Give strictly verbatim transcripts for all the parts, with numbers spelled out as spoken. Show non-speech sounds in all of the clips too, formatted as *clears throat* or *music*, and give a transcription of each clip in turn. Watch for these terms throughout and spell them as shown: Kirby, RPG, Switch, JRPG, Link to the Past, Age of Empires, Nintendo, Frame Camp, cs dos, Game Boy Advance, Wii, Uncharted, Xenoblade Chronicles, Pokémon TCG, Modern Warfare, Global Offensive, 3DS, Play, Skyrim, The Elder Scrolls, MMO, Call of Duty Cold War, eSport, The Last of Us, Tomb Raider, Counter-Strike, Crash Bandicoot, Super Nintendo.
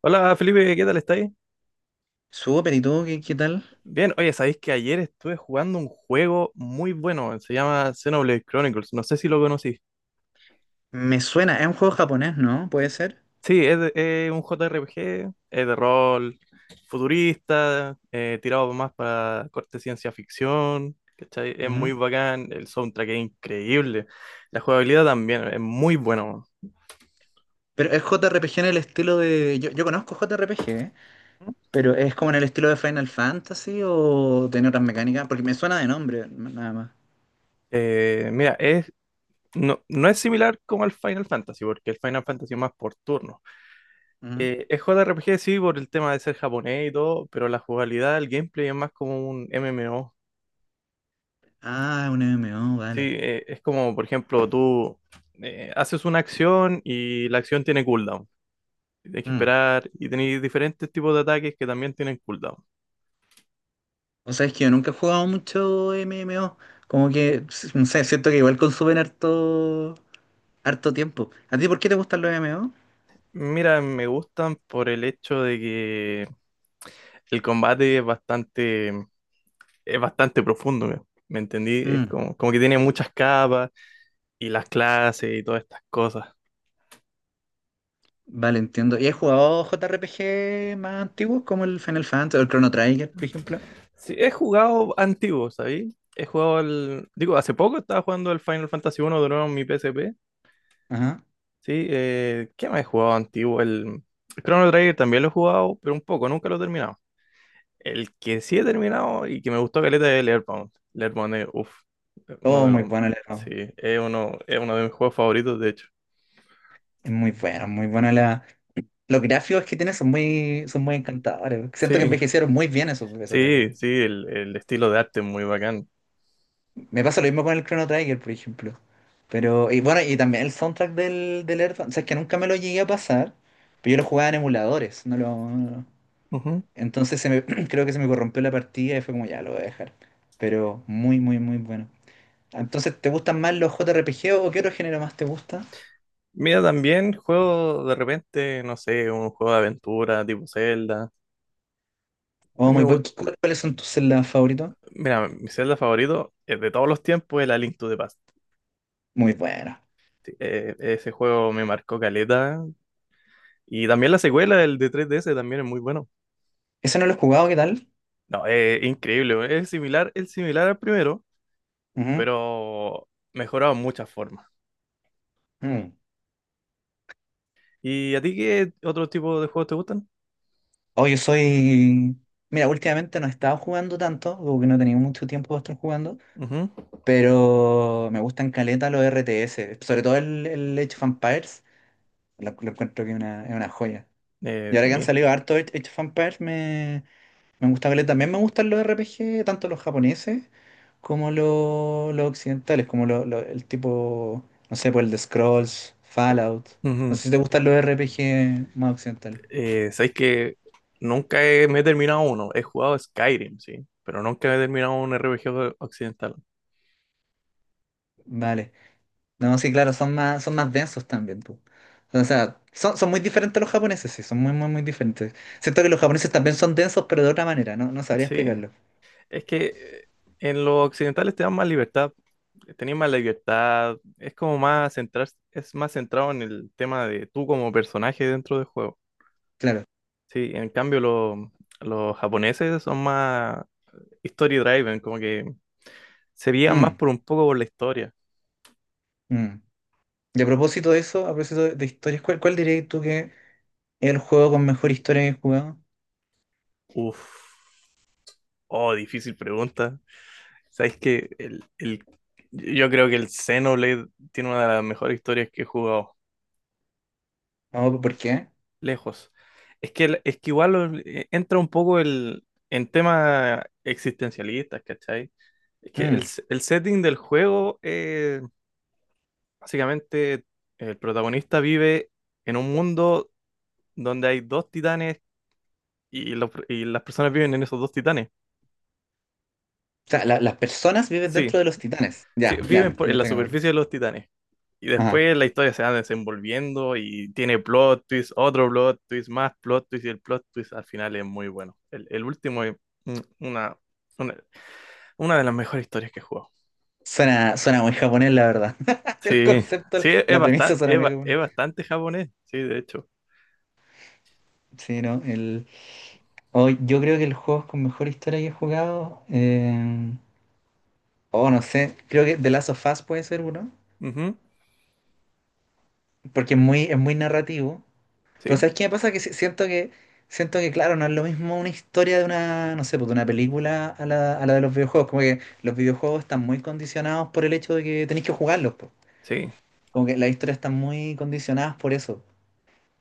Hola Felipe, ¿qué tal estáis? Súper, ¿y tú qué, qué tal? Bien, oye, sabéis que ayer estuve jugando un juego muy bueno, se llama Xenoblade Chronicles, no sé si lo conocí. Me suena, es un juego japonés, ¿no? Puede ser. Sí, es, de- es un J R P G, es de rol futurista, eh, tirado más para corte ciencia ficción, ¿cachai? Es muy Ujú. bacán, el soundtrack es increíble, la jugabilidad también es muy bueno. Pero es J R P G en el estilo de. Yo, yo conozco J R P G, ¿eh? Pero es como en el estilo de Final Fantasy o tiene otras mecánicas, porque me suena de nombre, n- nada más. Eh, mira, es, no, no es similar como al Final Fantasy, porque el Final Fantasy es más por turno. Ujú. Eh, es J R P G, sí, por el tema de ser japonés y todo, pero la jugabilidad, el gameplay es más como un M M O. Ah, un M M O, Sí, vale. eh, es como, por ejemplo, tú eh, haces una acción y la acción tiene cooldown. Y tienes que Mm. esperar y tenéis diferentes tipos de ataques que también tienen cooldown. O sea, es que yo nunca he jugado mucho M M O. Como que, s- no sé, siento que igual consumen harto, harto tiempo. ¿A ti por qué te gustan los M M O? Mira, me gustan por el hecho de que el combate es bastante, es bastante profundo, ¿me, me entendí? Es como, como que tiene muchas capas y las clases y todas estas cosas. Vale, entiendo. ¿Y has jugado J R P G más antiguos como el Final Fantasy o el Chrono Trigger, por ejemplo? Sí, he jugado antiguo, ¿sabes? He jugado el... Digo, hace poco estaba jugando el Final Fantasy uno de nuevo en mi P S P. Ajá. Sí, eh, ¿qué más he jugado antiguo? El el Chrono Trigger también lo he jugado, pero un poco, nunca lo he terminado. El que sí he terminado y que me gustó caleta es el Earthbound. El Earthbound es, uff, uno Oh, de muy los... bueno el error. Sí, es uno, es uno de mis juegos favoritos, de hecho. Es muy bueno, muy bueno la... Los gráficos que tiene son muy, son muy encantadores. Siento que Sí, envejecieron muy bien esos, esos sí, gráficos. sí, el, el estilo de arte es muy bacán. Me pasa lo mismo con el Chrono Trigger, por ejemplo. Pero, y bueno, y también el soundtrack del, del Earthbound. O sea, es que nunca me lo llegué a pasar, pero yo lo jugaba en emuladores, no lo... Ujú. Entonces se me, *clears throat* creo que se me corrompió la partida y fue como, ya, lo voy a dejar. Pero muy, muy, muy bueno. Entonces, ¿te gustan más los J R P G o qué otro género más te gusta? Mira, también juego de repente, no sé, un juego de aventura tipo Zelda. Oh, También muy me bueno. gusta. ¿Cu- ¿Cuáles son tus celdas favoritos? Mira, mi Zelda favorito, eh, de todos los tiempos es la Link to the Past. Muy bueno. Sí, eh, ese juego me marcó caleta. Y también la secuela, el de tres D S, también es muy bueno. Ese no lo he jugado, ¿qué tal? No, es increíble. Es similar, es similar al primero, Ujú. pero mejorado en muchas formas. Mm. ¿Y a ti qué otro tipo de juegos te gustan? Oh, yo soy. Mira, últimamente no he estado jugando tanto, porque no he tenido mucho tiempo para estar jugando, Ujú. pero me gustan caleta los R T S, sobre todo el, el Age of Empires, lo, lo encuentro que es una, es una joya. Eh, Y ahora que han Sí. salido harto Age Age of Empires, me, Me gusta caleta. También me gustan los R P G, tanto los japoneses como los, los occidentales, como lo- lo- el tipo, no sé, por el de Scrolls, Fallout. No Ujú. sé si te gustan los R P G más occidentales. Eh, sabéis que nunca he- me he terminado uno. He jugado Skyrim, sí, pero nunca he terminado un R P G occidental. Vale. No, sí, claro, son más, son más, densos también, po. O sea, son, son muy diferentes los japoneses, sí, son muy, muy, muy diferentes. Siento que los japoneses también son densos, pero de otra manera, no, no sabría Sí, explicarlo. es que eh, en los occidentales te dan más libertad, tenías más libertad, es como más centrar, es más centrado en el tema de tú como personaje dentro del juego. Claro. Sí, en cambio lo- los japoneses son más story driven, como que se guían más Mm, por un poco por la historia. mm. Y a propósito de eso, a propósito de, de historias, ¿cuál, cuál dirías tú que es el juego con mejor historia que he jugado? Uf, oh, difícil pregunta. ¿Sabes que El, el- yo creo que el Xenoblade tiene una de las mejores historias que he jugado, No, ¿por qué? lejos? Es que, el- es que igual lo- eh, entra un poco el, en temas existencialistas, ¿cachai? Es que el, Mm. se- el setting del juego, eh, básicamente, el protagonista vive en un mundo donde hay dos titanes y, los- pr- y las personas viven en esos dos titanes. O sea, la- las personas viven Sí, dentro de los titanes. sí, Ya, ya, viven me, por- me en la está ganando aquí. superficie de los titanes. Y Ajá. después la historia se va desenvolviendo y tiene plot twist, otro plot twist, más plot twist y el plot twist al final es muy bueno. El, el último es, mm, una, una, una de las mejores historias que he jugado. Suena, suena muy japonés, la verdad. *laughs* El Sí, concepto, sí, es la premisa bastante, suena es, muy ba- es japonés. bastante japonés, sí, de hecho. Sí, no, el... oh, yo creo que el juego con mejor historia que he jugado... eh, Oh, no sé. Creo que The Last of Us puede ser uno. Ujú, Porque es muy, es muy narrativo. Pero sí, ¿sabes qué me pasa? Que si- siento que, siento que, claro, no es lo mismo una historia de una, no sé, pues, de una película a la, a la de los videojuegos. Como que los videojuegos están muy condicionados por el hecho de que tenéis que jugarlos, pues. sí. Como que las historias están muy condicionadas por eso.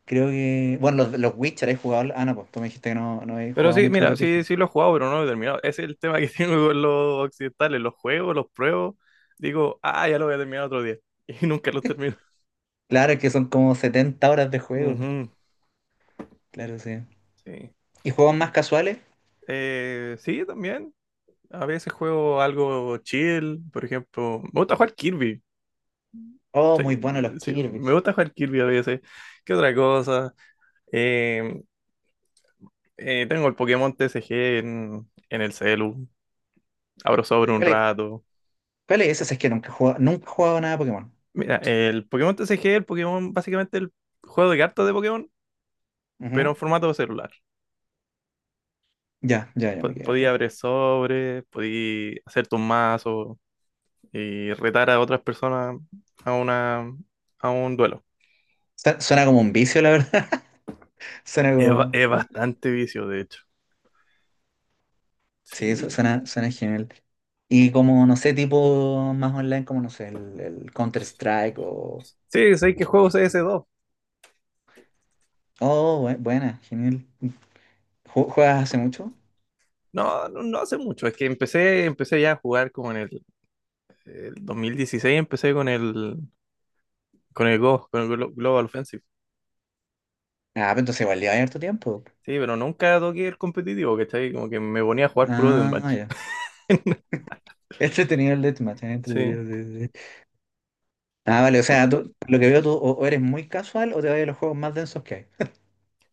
Creo que, bueno, los, los Witcher he jugado, ah, no, pues tú me dijiste que no, no he Pero jugado sí, mucho mira, sí, R P G. sí lo he jugado, pero no lo he terminado. Ese es el tema que *laughs* tengo con los occidentales, los juegos, los pruebo, digo, ah, ya lo voy a terminar otro día. *laughs* Y nunca los termino. Claro, es que son como setenta horas de juego. Ujú, Claro, sí. sí. ¿Y juegos más casuales? Eh, sí, también. A veces juego algo chill, por ejemplo. Me gusta jugar Kirby. Oh, Sí, muy buenos los sí, Kirby. me gusta jugar Kirby a veces. ¿Qué otra cosa? Eh, eh, Tengo el Pokémon T C G en, en el celu. Abro sobre un ¿Cuál es, rato. cuál es ese? Si es que nunca he jugado, nunca he jugado nada de Pokémon. Mira, el Pokémon T C G, el Pokémon, básicamente el juego de cartas de Pokémon, pero en Ujú. formato celular. Ya, ya, ya me Po- queda podía claro. abrir sobre, podía hacer tu mazo y retar a otras personas a una, a un duelo. Su- Suena como un vicio, la verdad. *laughs* Suena Es, ba- como... es bastante vicio, de hecho. Sí, su- Sí. suena, suena genial. Y como, no sé, tipo más online, como, no sé, el, el Counter-Strike o, Sí, sé que o- juego c s dos. oh, bue- buena, genial. ¿Ju- ¿Juegas hace mucho? No, no, no hace mucho. Es que empecé, empecé ya a jugar como en el, el dos mil dieciséis, empecé con el, con el Go, con el Glo- Global Offensive. Ah, pero entonces igual lleva harto tiempo. Sí, pero nunca toqué el competitivo, ¿cachai? Como que me ponía a jugar puro Ah, deathmatch. ya. *laughs* *laughs* Entretenido el deathmatch, eh, Sí, entretenido, sí, sí, sí. Ah, vale, o sea, tú- lo que veo tú o, o eres muy casual o te vas a los juegos más densos que hay.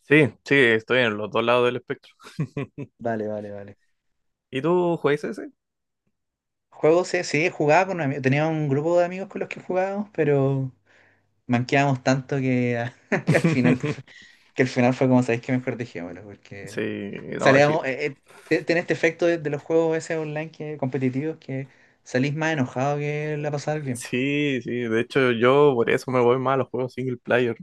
sí, sí, estoy en los dos lados del espectro. *laughs* Vale, vale, vale. ¿Y tú juegas ese? Juegos, sí, sí, jugaba con amigos, tenía un grupo de amigos con los que jugábamos, pero... manqueábamos tanto que, *laughs* que al final pues, fue- *laughs* que al final fue como, ¿sabéis que Mejor dejémoslo, Sí, porque no, sí, salíamos, eh, eh, te- tenés este efecto de, de los juegos ese online que, competitivos que salís más enojado que la pasar bien, po. sí, sí, de hecho yo por eso me voy más a los juegos single player.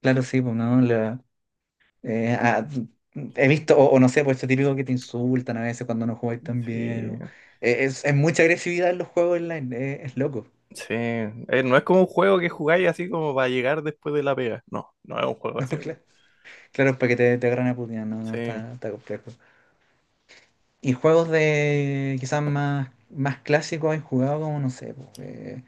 Claro, sí, pues no, la, eh, ah, he visto, o, o no sé, pues esto típico que te insultan a veces cuando no jugáis tan bien, Sí, o- eh, es, es mucha agresividad en los juegos online, eh, es loco. *laughs* Sí, eh, no es como un juego que jugáis así como para llegar después de la pega. No, no es un juego No, así. cla- claro, es para que te, te agarren a putear, no, no, Sí, está, está complejo. Y juegos de quizás más, más clásicos he jugado como, no sé, pues, eh,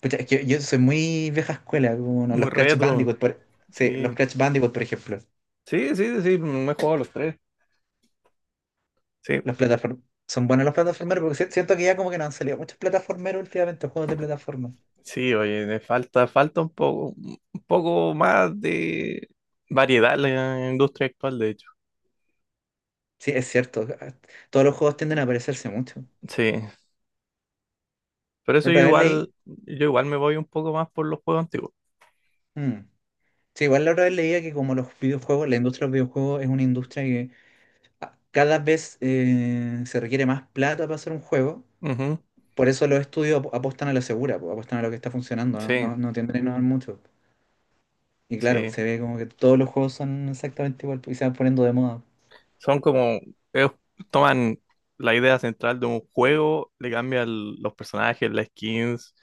pucha, es que yo soy muy vieja escuela, como no, muy los Crash retro. Bandicoot, por, sí, los Sí, Crash Bandicoot, por ejemplo. sí, sí, sí, me he jugado los tres. Sí, Los plataform- Son buenos los plataformeros porque si- siento que ya como que no han salido muchos plataformeros últimamente, juegos de plataforma. sí, oye, me falta, falta un poco, un poco más de variedad en la industria actual, de hecho. Sí, es cierto, ah, todos los juegos tienden a parecerse mucho. Sí, por eso La yo otra vez leí, igual, yo igual me voy un poco más por los juegos antiguos. mm, sí, igual la otra vez leía que como los videojuegos, la industria de los videojuegos es una industria que ah, cada vez eh, se requiere más plata para hacer un juego. Ujú, Por eso los estudios ap- apuestan a lo segura, po, apuestan a lo que está funcionando, sí, ¿no? No, no tienden a innovar mucho. Y claro, se sí. ve como que todos los juegos son exactamente igual po, y se van poniendo de moda. Son como, ellos toman la idea central de un juego, le cambian los personajes, las skins,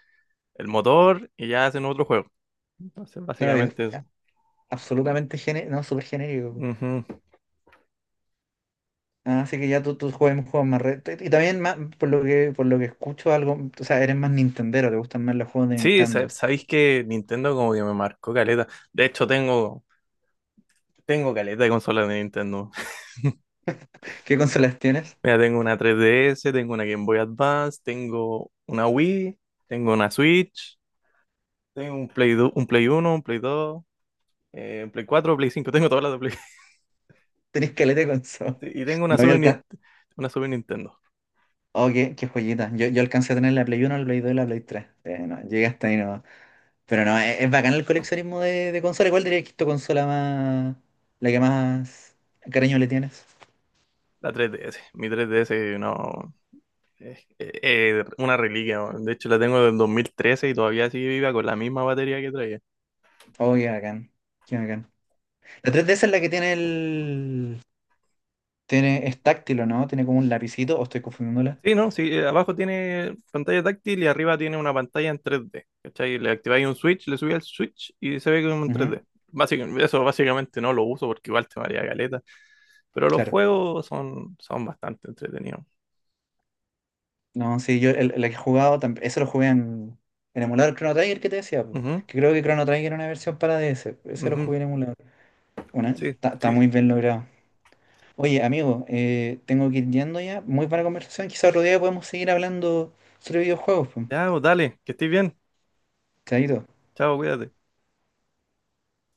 el motor y ya hacen otro juego. Entonces, Claro, y es básicamente eso. absolutamente genérico, no, súper genérico, po. Ujú. Ah, así que ya tú, tú juegas un juego más re- te- y también más, por lo que, por lo que escucho algo, o sea, eres más nintendero, te gustan más los juegos de Sí, sa- Nintendo. sabéis que Nintendo como que me marcó caleta. De hecho, tengo, tengo caleta de consolas de Nintendo. *laughs* ¿Qué consolas tienes? Mira, tengo una tres D S, tengo una Game Boy Advance, tengo una Wii, tengo una Switch, tengo un Play, du- un Play uno, un Play dos, eh, un Play cuatro, Play cinco, tengo todas las de... ¿Tenés caleta de consola? Sí, y tengo *laughs* una No había Super, Nin- alcanzado. una Super Nintendo, Oh, qué, qué joyita. Yo, yo alcancé a tener la Play uno, la Play dos y la Play tres. Eh, no, llegué hasta ahí. Pero no, es, es bacán el coleccionismo de, de consolas. ¿Cuál dirías que es tu consola más, la que más cariño le tienes? la tres D S. Mi tres D S, no, es es una reliquia, ¿no? De hecho, la tengo del dos mil trece y todavía sigue viva con la misma batería que traía. Oh, qué bacán, qué bacán. La tres D S es la que tiene el, tiene, es táctil, ¿o ¿no? Tiene como un lapicito, o estoy confundiéndola. Sí, no, sí, eh, abajo tiene pantalla táctil y arriba tiene una pantalla en tres D. ¿Cachai? Le activáis un switch, le subí al switch y se ve como en Ujú, tres D. Básicamente, eso básicamente no lo uso porque igual te maría caleta. Pero los claro. juegos son, son bastante entretenidos. No, sí, yo el- la que he jugado, tam- eso lo jugué en, en emulador Chrono Trigger que te decía, po. Ujú, Que creo que Chrono Trigger era una versión para D S, ese lo ujú, jugué en emulador. Una, sí, está está sí. muy bien logrado. Oye, amigo, eh, tengo que ir yendo ya. Muy buena conversación. Quizá otro día podemos seguir hablando sobre videojuegos, pues. Ya, pues, dale, que estés bien. Chaito. Chao, cuídate.